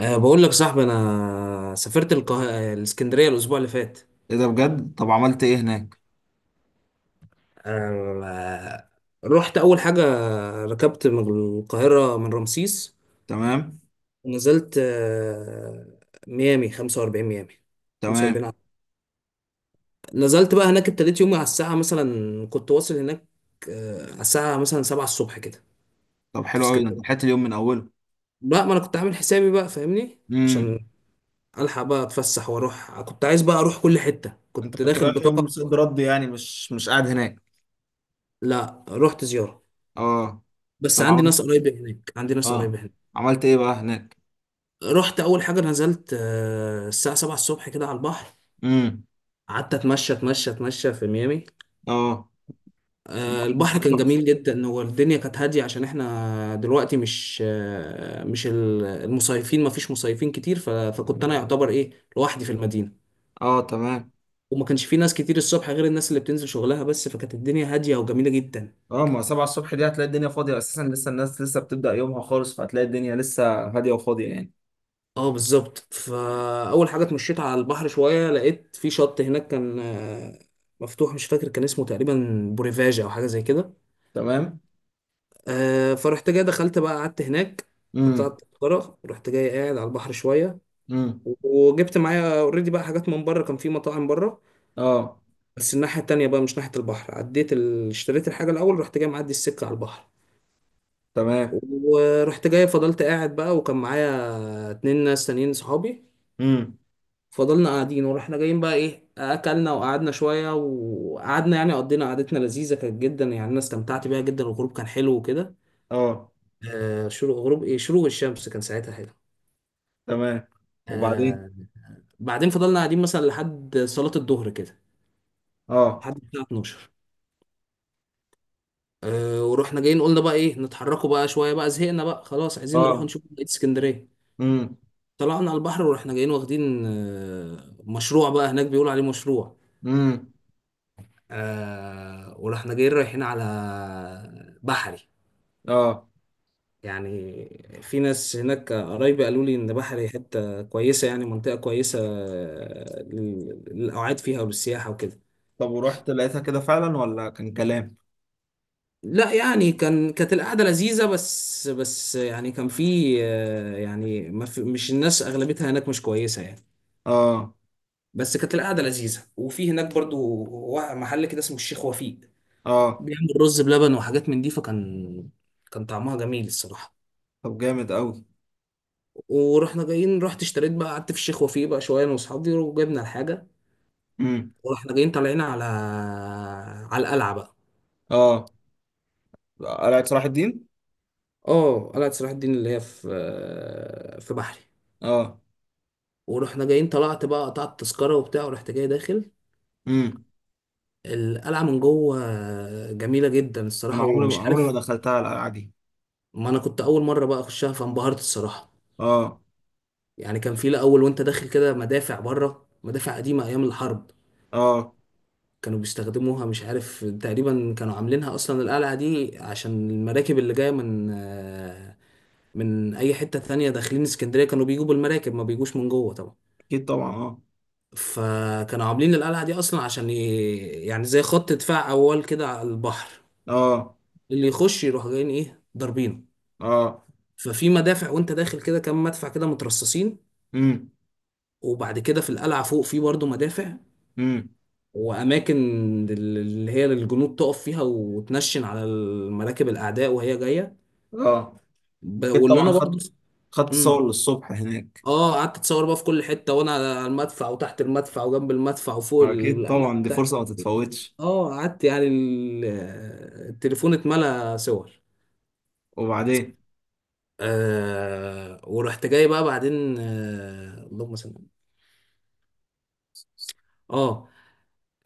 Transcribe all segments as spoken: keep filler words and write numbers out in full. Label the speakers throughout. Speaker 1: أه بقول لك صاحبي انا سافرت القه... آه، الاسكندريه الاسبوع اللي فات.
Speaker 2: ايه ده بجد؟ طب عملت ايه هناك؟
Speaker 1: أه رحت اول حاجه، ركبت من القاهره من رمسيس
Speaker 2: تمام،
Speaker 1: ونزلت أه ميامي خمسة وأربعين، ميامي
Speaker 2: تمام.
Speaker 1: خمسة وأربعين ع- نزلت بقى هناك. ابتديت يومي على الساعه مثلا كنت واصل هناك أه على الساعه مثلا سبعة الصبح كده.
Speaker 2: طب
Speaker 1: كنت في
Speaker 2: حلو قوي، ده انت
Speaker 1: اسكندريه.
Speaker 2: لحقت اليوم من اوله؟
Speaker 1: لا، ما انا كنت عامل حسابي بقى، فاهمني؟
Speaker 2: امم.
Speaker 1: عشان الحق بقى اتفسح واروح، كنت عايز بقى اروح كل حته،
Speaker 2: انت
Speaker 1: كنت
Speaker 2: كنت
Speaker 1: داخل
Speaker 2: رايح يوم
Speaker 1: بطاقه.
Speaker 2: صد رد، يعني مش مش قاعد هناك؟
Speaker 1: لا، رحت زياره،
Speaker 2: اه.
Speaker 1: بس
Speaker 2: طب
Speaker 1: عندي
Speaker 2: عملت
Speaker 1: ناس قريبة هناك، عندي ناس
Speaker 2: اه
Speaker 1: قريبة هناك.
Speaker 2: عملت ايه بقى هناك؟
Speaker 1: رحت أول حاجة نزلت آه، الساعة سبعة الصبح كده على البحر،
Speaker 2: امم.
Speaker 1: قعدت أتمشى أتمشى أتمشى في ميامي.
Speaker 2: اه،
Speaker 1: آه،
Speaker 2: البحر هناك
Speaker 1: البحر كان
Speaker 2: تحفه.
Speaker 1: جميل جدا، هو الدنيا كانت هادية عشان احنا دلوقتي مش آه، مش ال- المصيفين، مفيش مصيفين كتير، ف- فكنت أنا يعتبر إيه، لوحدي في المدينة،
Speaker 2: اه، تمام.
Speaker 1: وما كانش في ناس كتير الصبح غير الناس اللي بتنزل شغلها بس، فكانت الدنيا هادية وجميلة جدا.
Speaker 2: اه، ما سبعة الصبح دي هتلاقي الدنيا فاضية أساسا، لسه الناس لسه بتبدأ يومها خالص، فهتلاقي الدنيا لسه هادية وفاضية يعني.
Speaker 1: اه، بالظبط، فاول حاجه اتمشيت على البحر شويه، لقيت في شط هناك كان آه، مفتوح، مش فاكر كان اسمه تقريبا بوريفاجا او حاجه زي كده.
Speaker 2: تمام.
Speaker 1: آه، فرحت جاي دخلت بقى قعدت هناك،
Speaker 2: امم،
Speaker 1: قطعت تذكره، رحت جاي قاعد على البحر شويه،
Speaker 2: امم.
Speaker 1: وجبت معايا اوريدي بقى حاجات من بره، كان في مطاعم بره،
Speaker 2: اه،
Speaker 1: بس الناحيه التانيه بقى مش ناحيه البحر. عديت ال... اشتريت الحاجه الاول، رحت جاي معدي السكه على البحر،
Speaker 2: تمام.
Speaker 1: ورحت جاي فضلت قاعد بقى، وكان معايا اتنين ناس تانيين صحابي،
Speaker 2: امم.
Speaker 1: فضلنا قاعدين ورحنا جايين بقى ايه، اكلنا وقعدنا شويه وقعدنا يعني، قضينا قعدتنا لذيذه كانت جدا يعني، انا استمتعت بيها جدا، الغروب كان حلو وكده.
Speaker 2: اه،
Speaker 1: آه شروق غروب ايه شروق الشمس كان ساعتها حلو.
Speaker 2: تمام. وبعدين؟
Speaker 1: آه بعدين فضلنا قاعدين مثلا لحد صلاه الظهر كده،
Speaker 2: اه،
Speaker 1: لحد الساعه اتناشر. آه ورحنا جايين قلنا بقى ايه، نتحركوا بقى شويه بقى، زهقنا بقى، خلاص عايزين نروح
Speaker 2: اه.
Speaker 1: نشوف بقيه اسكندريه.
Speaker 2: امم،
Speaker 1: طلعنا على البحر ورحنا جايين واخدين آه مشروع بقى هناك بيقولوا عليه مشروع.
Speaker 2: امم.
Speaker 1: آه ورحنا جايين رايحين على بحري.
Speaker 2: اه.
Speaker 1: يعني في ناس هناك قرايبي قالوا لي ان بحري حته كويسه، يعني منطقه كويسه لل- للاوعاد فيها وللسياحه وكده.
Speaker 2: طب ورحت لقيتها كده فعلا ولا كان كلام؟
Speaker 1: لا يعني، كان كانت القعده لذيذه، بس بس يعني كان في آه، يعني ما في، مش الناس اغلبيتها هناك مش كويسه يعني.
Speaker 2: اه،
Speaker 1: بس كانت القعده لذيذه، وفي هناك برضو وا- محل كده اسمه الشيخ وفيق،
Speaker 2: اه.
Speaker 1: بيعمل رز بلبن وحاجات من دي، فكان كان طعمها جميل الصراحه.
Speaker 2: طب جامد قوي.
Speaker 1: ورحنا جايين رحت اشتريت بقى قعدت في الشيخ وفيق بقى شويه انا واصحابي وجبنا الحاجه،
Speaker 2: امم.
Speaker 1: واحنا جايين طالعين على على القلعه بقى.
Speaker 2: اه. قلعة صلاح الدين.
Speaker 1: اه، قلعه صلاح الدين اللي هي في في بحري.
Speaker 2: اه.
Speaker 1: ورحنا جايين، طلعت بقى قطعت التذكره وبتاع ورحت جاي داخل
Speaker 2: امم.
Speaker 1: القلعه من جوه، جميله جدا
Speaker 2: انا
Speaker 1: الصراحه
Speaker 2: عمري
Speaker 1: ومش
Speaker 2: عمري ما
Speaker 1: عارف.
Speaker 2: دخلتها القلعة دي.
Speaker 1: ما انا كنت اول مره بقى اخشها فانبهرت الصراحه.
Speaker 2: اه.
Speaker 1: يعني كان في الاول وانت داخل كده مدافع بره، مدافع قديمه ايام الحرب
Speaker 2: اه.
Speaker 1: كانوا بيستخدموها، مش عارف، تقريبا كانوا عاملينها اصلا القلعه دي عشان المراكب اللي جايه من من اي حته تانية داخلين اسكندريه، كانوا بيجوا بالمراكب ما بيجوش من جوه طبعا.
Speaker 2: اكيد طبعا، اه.
Speaker 1: فكانوا عاملين القلعه دي اصلا عشان ي... يعني زي خط دفاع اول كده على البحر،
Speaker 2: اه.
Speaker 1: اللي يخش يروح جايين ايه ضاربينه.
Speaker 2: اه.
Speaker 1: ففي مدافع وانت داخل كده كام مدفع كده مترصصين،
Speaker 2: امم،
Speaker 1: وبعد كده في القلعه فوق في برضه مدافع،
Speaker 2: امم.
Speaker 1: واماكن اللي هي الجنود تقف فيها وتنشن على المراكب الاعداء وهي جايه.
Speaker 2: اه.
Speaker 1: ب-
Speaker 2: اكيد
Speaker 1: واللي
Speaker 2: طبعا،
Speaker 1: انا برضه.
Speaker 2: خدت خدت صور للصبح هناك.
Speaker 1: اه، قعدت اتصور بقى في كل حته، وانا على المدفع وتحت المدفع وجنب المدفع وفوق
Speaker 2: اكيد
Speaker 1: القلعه
Speaker 2: طبعا، دي
Speaker 1: وتحت.
Speaker 2: فرصة ما تتفوتش.
Speaker 1: اه قعدت يعني ال- التليفون اتملى صور.
Speaker 2: وبعدين؟
Speaker 1: آه ورحت جاي بقى بعدين، آه اللهم صل على النبي. اه.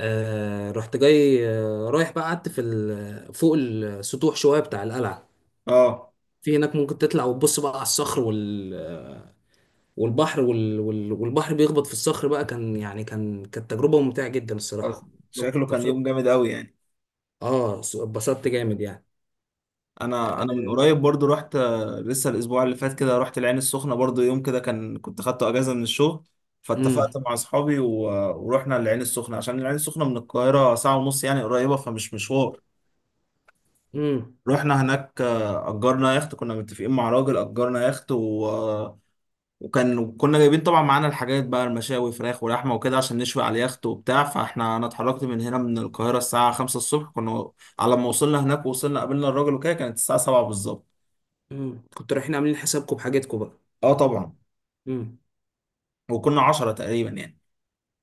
Speaker 1: آه، رحت جاي آه رايح بقى، قعدت في ال- فوق السطوح شويه بتاع القلعه،
Speaker 2: اه.
Speaker 1: في هناك ممكن تطلع وتبص بقى على الصخر وال والبحر وال وال والبحر بيخبط في الصخر بقى، كان يعني كان كانت تجربه ممتعه جدا الصراحه.
Speaker 2: شكله كان يوم جامد قوي يعني.
Speaker 1: اه، س- اتبسطت جامد يعني.
Speaker 2: انا انا من قريب برضو رحت، آه، لسه الاسبوع اللي فات كده رحت العين السخنه برضو يوم كده، كان كنت خدته اجازه من الشغل.
Speaker 1: امم
Speaker 2: فاتفقت مع اصحابي و- ورحنا العين السخنه، عشان العين السخنه من القاهره ساعه ونص يعني، قريبه فمش مشوار.
Speaker 1: امم
Speaker 2: رحنا هناك، آه، اجرنا يخت، كنا متفقين مع راجل اجرنا يخت و... آه، وكان كنا جايبين طبعا معانا الحاجات بقى، المشاوي فراخ ولحمه وكده عشان نشوي على اليخت وبتاع. فاحنا انا اتحركت من هنا من القاهره الساعه خمسة الصبح، كنا على ما وصلنا هناك ووصلنا قابلنا الراجل وكده كانت الساعه سبعة بالظبط.
Speaker 1: امم كنتوا رايحين عاملين حسابكم بحاجتكم بقى؟
Speaker 2: اه طبعا.
Speaker 1: امم
Speaker 2: وكنا عشرة تقريبا يعني،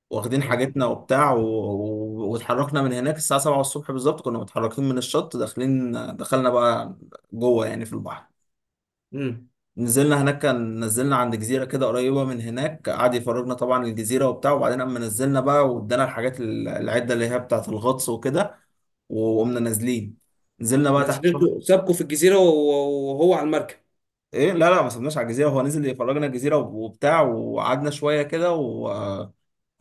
Speaker 2: واخدين
Speaker 1: اه،
Speaker 2: حاجتنا وبتاع و... و... واتحركنا من هناك الساعة سبعة الصبح بالظبط، كنا متحركين من الشط داخلين. دخلنا بقى جوه يعني في البحر.
Speaker 1: امم
Speaker 2: نزلنا هناك، كان نزلنا عند جزيرة كده قريبة من هناك، قعد يفرجنا طبعا الجزيرة وبتاع. وبعدين أما نزلنا بقى، وادانا الحاجات ال- العدة اللي هي بتاعة الغطس وكده، وقمنا نازلين. نزلنا بقى تحت شوية.
Speaker 1: نازلينكم سابكم في الجزيرة وهو وهو على المركب؟
Speaker 2: ايه لا، لا، ما سبناش على الجزيرة، هو نزل يفرجنا الجزيرة وبتاع، وقعدنا شوية كده و...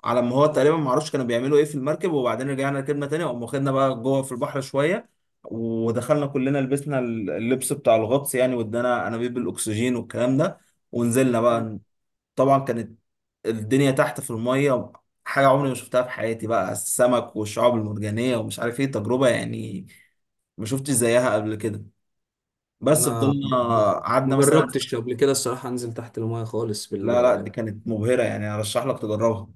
Speaker 2: على ما هو تقريبا، ما اعرفش كانوا بيعملوا ايه في المركب. وبعدين رجعنا ركبنا تاني وقام واخدنا بقى جوه في البحر شويه، ودخلنا كلنا لبسنا اللبس بتاع الغطس يعني، وادانا انابيب الاكسجين والكلام ده ونزلنا
Speaker 1: مم.
Speaker 2: بقى. طبعا كانت الدنيا تحت في الميه حاجه عمري ما شفتها في حياتي بقى، السمك والشعاب المرجانيه ومش عارف ايه، تجربه يعني ما شفتش زيها قبل كده. بس
Speaker 1: انا
Speaker 2: فضلنا
Speaker 1: م-
Speaker 2: قعدنا
Speaker 1: ما
Speaker 2: مثلا.
Speaker 1: جربتش قبل كده الصراحة، انزل تحت المايه خالص
Speaker 2: لا، لا،
Speaker 1: بال...
Speaker 2: دي كانت مبهره يعني، ارشح لك تجربها.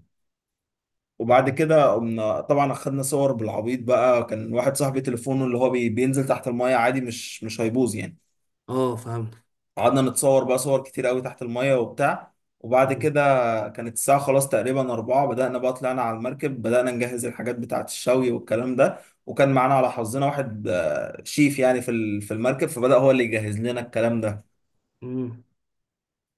Speaker 2: وبعد
Speaker 1: مم.
Speaker 2: كده قمنا طبعا اخدنا صور، بالعبيط بقى كان واحد صاحبي تليفونه اللي هو بي- بينزل تحت المايه عادي، مش مش هيبوظ يعني.
Speaker 1: اه، فهمت.
Speaker 2: قعدنا نتصور بقى صور كتير قوي تحت المايه وبتاع. وبعد
Speaker 1: مم.
Speaker 2: كده كانت الساعة خلاص تقريبا أربعة، بدأنا بقى طلعنا على المركب بدأنا نجهز الحاجات بتاعة الشوي والكلام ده. وكان معانا على حظنا واحد، آه، شيف يعني في ال- في المركب، فبدأ هو اللي يجهز لنا الكلام ده.
Speaker 1: مم.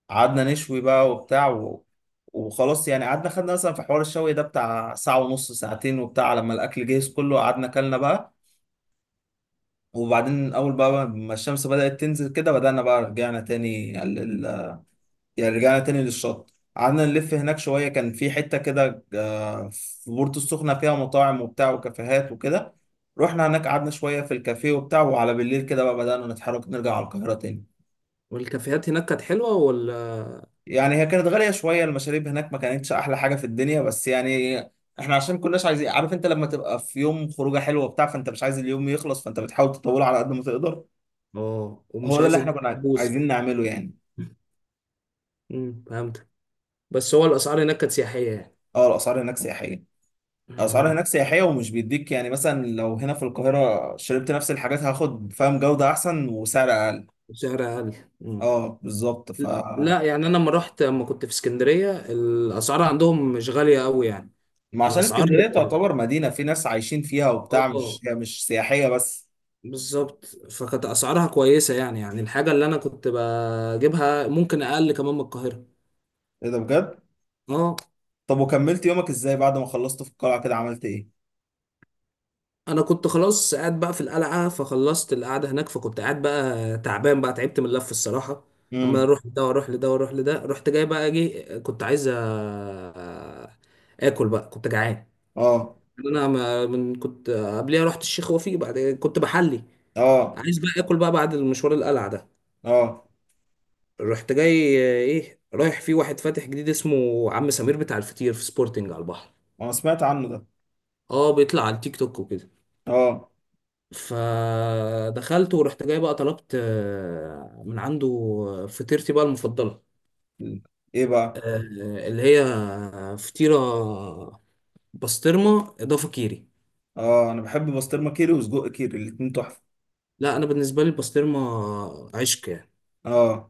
Speaker 2: قعدنا نشوي بقى وبتاع و... وخلاص يعني قعدنا، خدنا مثلا في حوار الشوي ده بتاع ساعة ونص، ساعتين وبتاع، لما الأكل جهز كله قعدنا كلنا بقى. وبعدين أول بقى ما الشمس بدأت تنزل كده بدأنا بقى، رجعنا تاني لل... يعني رجعنا تاني للشط، قعدنا نلف هناك شوية. كان في حتة كده، آه، في بورتو السخنة فيها مطاعم وبتاع وكافيهات وكده. رحنا هناك قعدنا شوية في الكافيه وبتاع، وعلى بالليل كده بقى بدأنا نتحرك نرجع على القاهرة تاني.
Speaker 1: والكافيهات هناك كانت حلوة ولا؟
Speaker 2: يعني هي كانت غالية شوية المشاريب هناك، ما كانتش أحلى حاجة في الدنيا بس يعني. إحنا عشان كناش عايزين، عارف أنت لما تبقى في يوم خروجة حلوة وبتاع فأنت مش عايز اليوم يخلص، فأنت بتحاول تطوله على قد ما تقدر.
Speaker 1: اه، ومش
Speaker 2: هو ده اللي
Speaker 1: عايز
Speaker 2: إحنا
Speaker 1: اديك
Speaker 2: كنا
Speaker 1: بوز.
Speaker 2: عايزين نعمله يعني.
Speaker 1: مم. فهمت. بس هو الاسعار هناك كانت سياحية يعني.
Speaker 2: أه الأسعار هناك سياحية. الأسعار هناك
Speaker 1: مم.
Speaker 2: سياحية، ومش بيديك يعني، مثلا لو هنا في القاهرة شربت نفس الحاجات هاخد، فاهم، جودة أحسن وسعر أقل.
Speaker 1: سعر اقل. مم.
Speaker 2: أه بالظبط. ف
Speaker 1: لا يعني انا، لما رحت لما كنت في اسكندريه الاسعار عندهم مش غاليه قوي يعني.
Speaker 2: ما عشان
Speaker 1: الاسعار،
Speaker 2: اسكندرية
Speaker 1: اه،
Speaker 2: تعتبر مدينة في ناس عايشين فيها وبتاع، مش
Speaker 1: آه،
Speaker 2: هي مش سياحية بس.
Speaker 1: بالظبط، فكانت اسعارها كويسه يعني، يعني الحاجه اللي انا كنت بجيبها ممكن اقل كمان من القاهره.
Speaker 2: إيه ده بجد؟
Speaker 1: اه،
Speaker 2: طب وكملت يومك ازاي بعد ما خلصت في القلعة كده، عملت ايه؟
Speaker 1: انا كنت خلاص قاعد بقى في القلعه، فخلصت القعده هناك، فكنت قاعد بقى تعبان بقى، تعبت من اللف الصراحه اما
Speaker 2: امم.
Speaker 1: اروح لده واروح لده واروح لده. رحت جاي بقى اجي، كنت عايز أ- اكل بقى كنت جعان.
Speaker 2: اه،
Speaker 1: انا، ما من كنت قبليها رحت الشيخ وفيق، بعد كنت بحلي
Speaker 2: اه،
Speaker 1: عايز بقى اكل بقى بعد المشوار القلعه ده.
Speaker 2: اه.
Speaker 1: رحت جاي ايه رايح في واحد فاتح جديد اسمه عم سمير بتاع الفطير في سبورتنج على البحر.
Speaker 2: انا سمعت عنه ده.
Speaker 1: اه، بيطلع على التيك توك وكده.
Speaker 2: اه.
Speaker 1: فدخلت ورحت جاي بقى طلبت آه، من عنده فطيرتي بقى المفضله.
Speaker 2: ايه بقى؟
Speaker 1: آه، اللي هي فطيره بسطرمه اضافه كيري.
Speaker 2: اه، انا بحب بسطرمة كيري وسجق كيري، الاتنين تحفة.
Speaker 1: لا، انا بالنسبه لي البسطرمه عشق يعني.
Speaker 2: اه.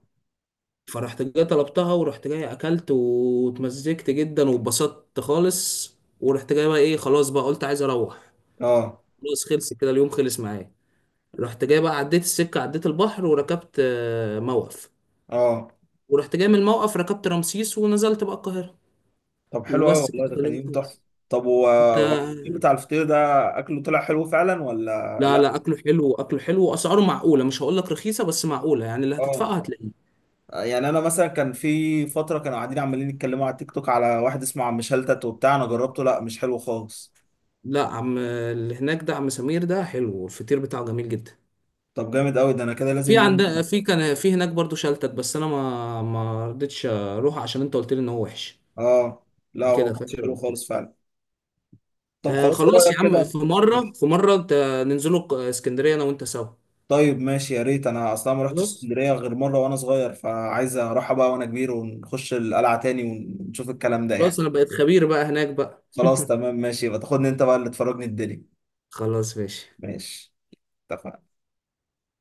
Speaker 1: فرحت جاي طلبتها ورحت جاي اكلت واتمزجت جدا واتبسطت خالص. ورحت جاي بقى ايه خلاص بقى قلت عايز اروح،
Speaker 2: اه.
Speaker 1: خلاص خلص كده، اليوم خلص معايا. رحت جاي بقى عديت السكة عديت البحر وركبت آه، موقف،
Speaker 2: اه.
Speaker 1: ورحت جاي من الموقف ركبت رمسيس ونزلت بقى القاهرة،
Speaker 2: طب حلو قوي
Speaker 1: وبس
Speaker 2: والله، ده
Speaker 1: كده
Speaker 2: كان
Speaker 1: اليوم
Speaker 2: يوم تحفة.
Speaker 1: خلص.
Speaker 2: طب و
Speaker 1: انت.
Speaker 2: و- بتاع الفطير ده، اكله طلع حلو فعلا ولا
Speaker 1: لا
Speaker 2: لا؟
Speaker 1: لا، اكله حلو، اكله حلو واسعاره معقولة، مش هقول لك رخيصة بس معقولة، يعني اللي هتدفعه
Speaker 2: اه.
Speaker 1: هتلاقيه.
Speaker 2: يعني انا مثلا كان في فترة كانوا قاعدين عمالين يتكلموا على تيك توك على واحد اسمه عم شلتت وبتاع، انا جربته لا مش حلو خالص.
Speaker 1: لا، عم اللي هناك ده عم سمير ده حلو، والفطير بتاعه جميل جدا.
Speaker 2: طب جامد قوي، ده انا كده
Speaker 1: في
Speaker 2: لازم يوم.
Speaker 1: عند في كان في هناك برضو شلتت، بس انا ما ما رضيتش اروح عشان انت قلت لي ان هو وحش،
Speaker 2: اه. لا هو
Speaker 1: كده
Speaker 2: كانش
Speaker 1: فاكر
Speaker 2: حلو
Speaker 1: قلت لي.
Speaker 2: خالص فعلا. طب
Speaker 1: آه،
Speaker 2: خلاص، ايه
Speaker 1: خلاص يا
Speaker 2: رأيك
Speaker 1: عم،
Speaker 2: كده؟
Speaker 1: في مره في مره انت، ننزلوا اسكندريه انا وانت سوا.
Speaker 2: طيب ماشي، يا ريت، انا اصلا ما رحتش
Speaker 1: خلاص،
Speaker 2: اسكندرية غير مرة وانا صغير، فعايز اروحها بقى وانا كبير ونخش القلعة تاني ونشوف الكلام ده
Speaker 1: خلاص
Speaker 2: يعني.
Speaker 1: انا بقيت خبير بقى هناك بقى.
Speaker 2: خلاص تمام ماشي، يبقى تاخدني انت بقى اللي تفرجني الدنيا.
Speaker 1: خلاص، ماشي.
Speaker 2: ماشي. اتفقنا.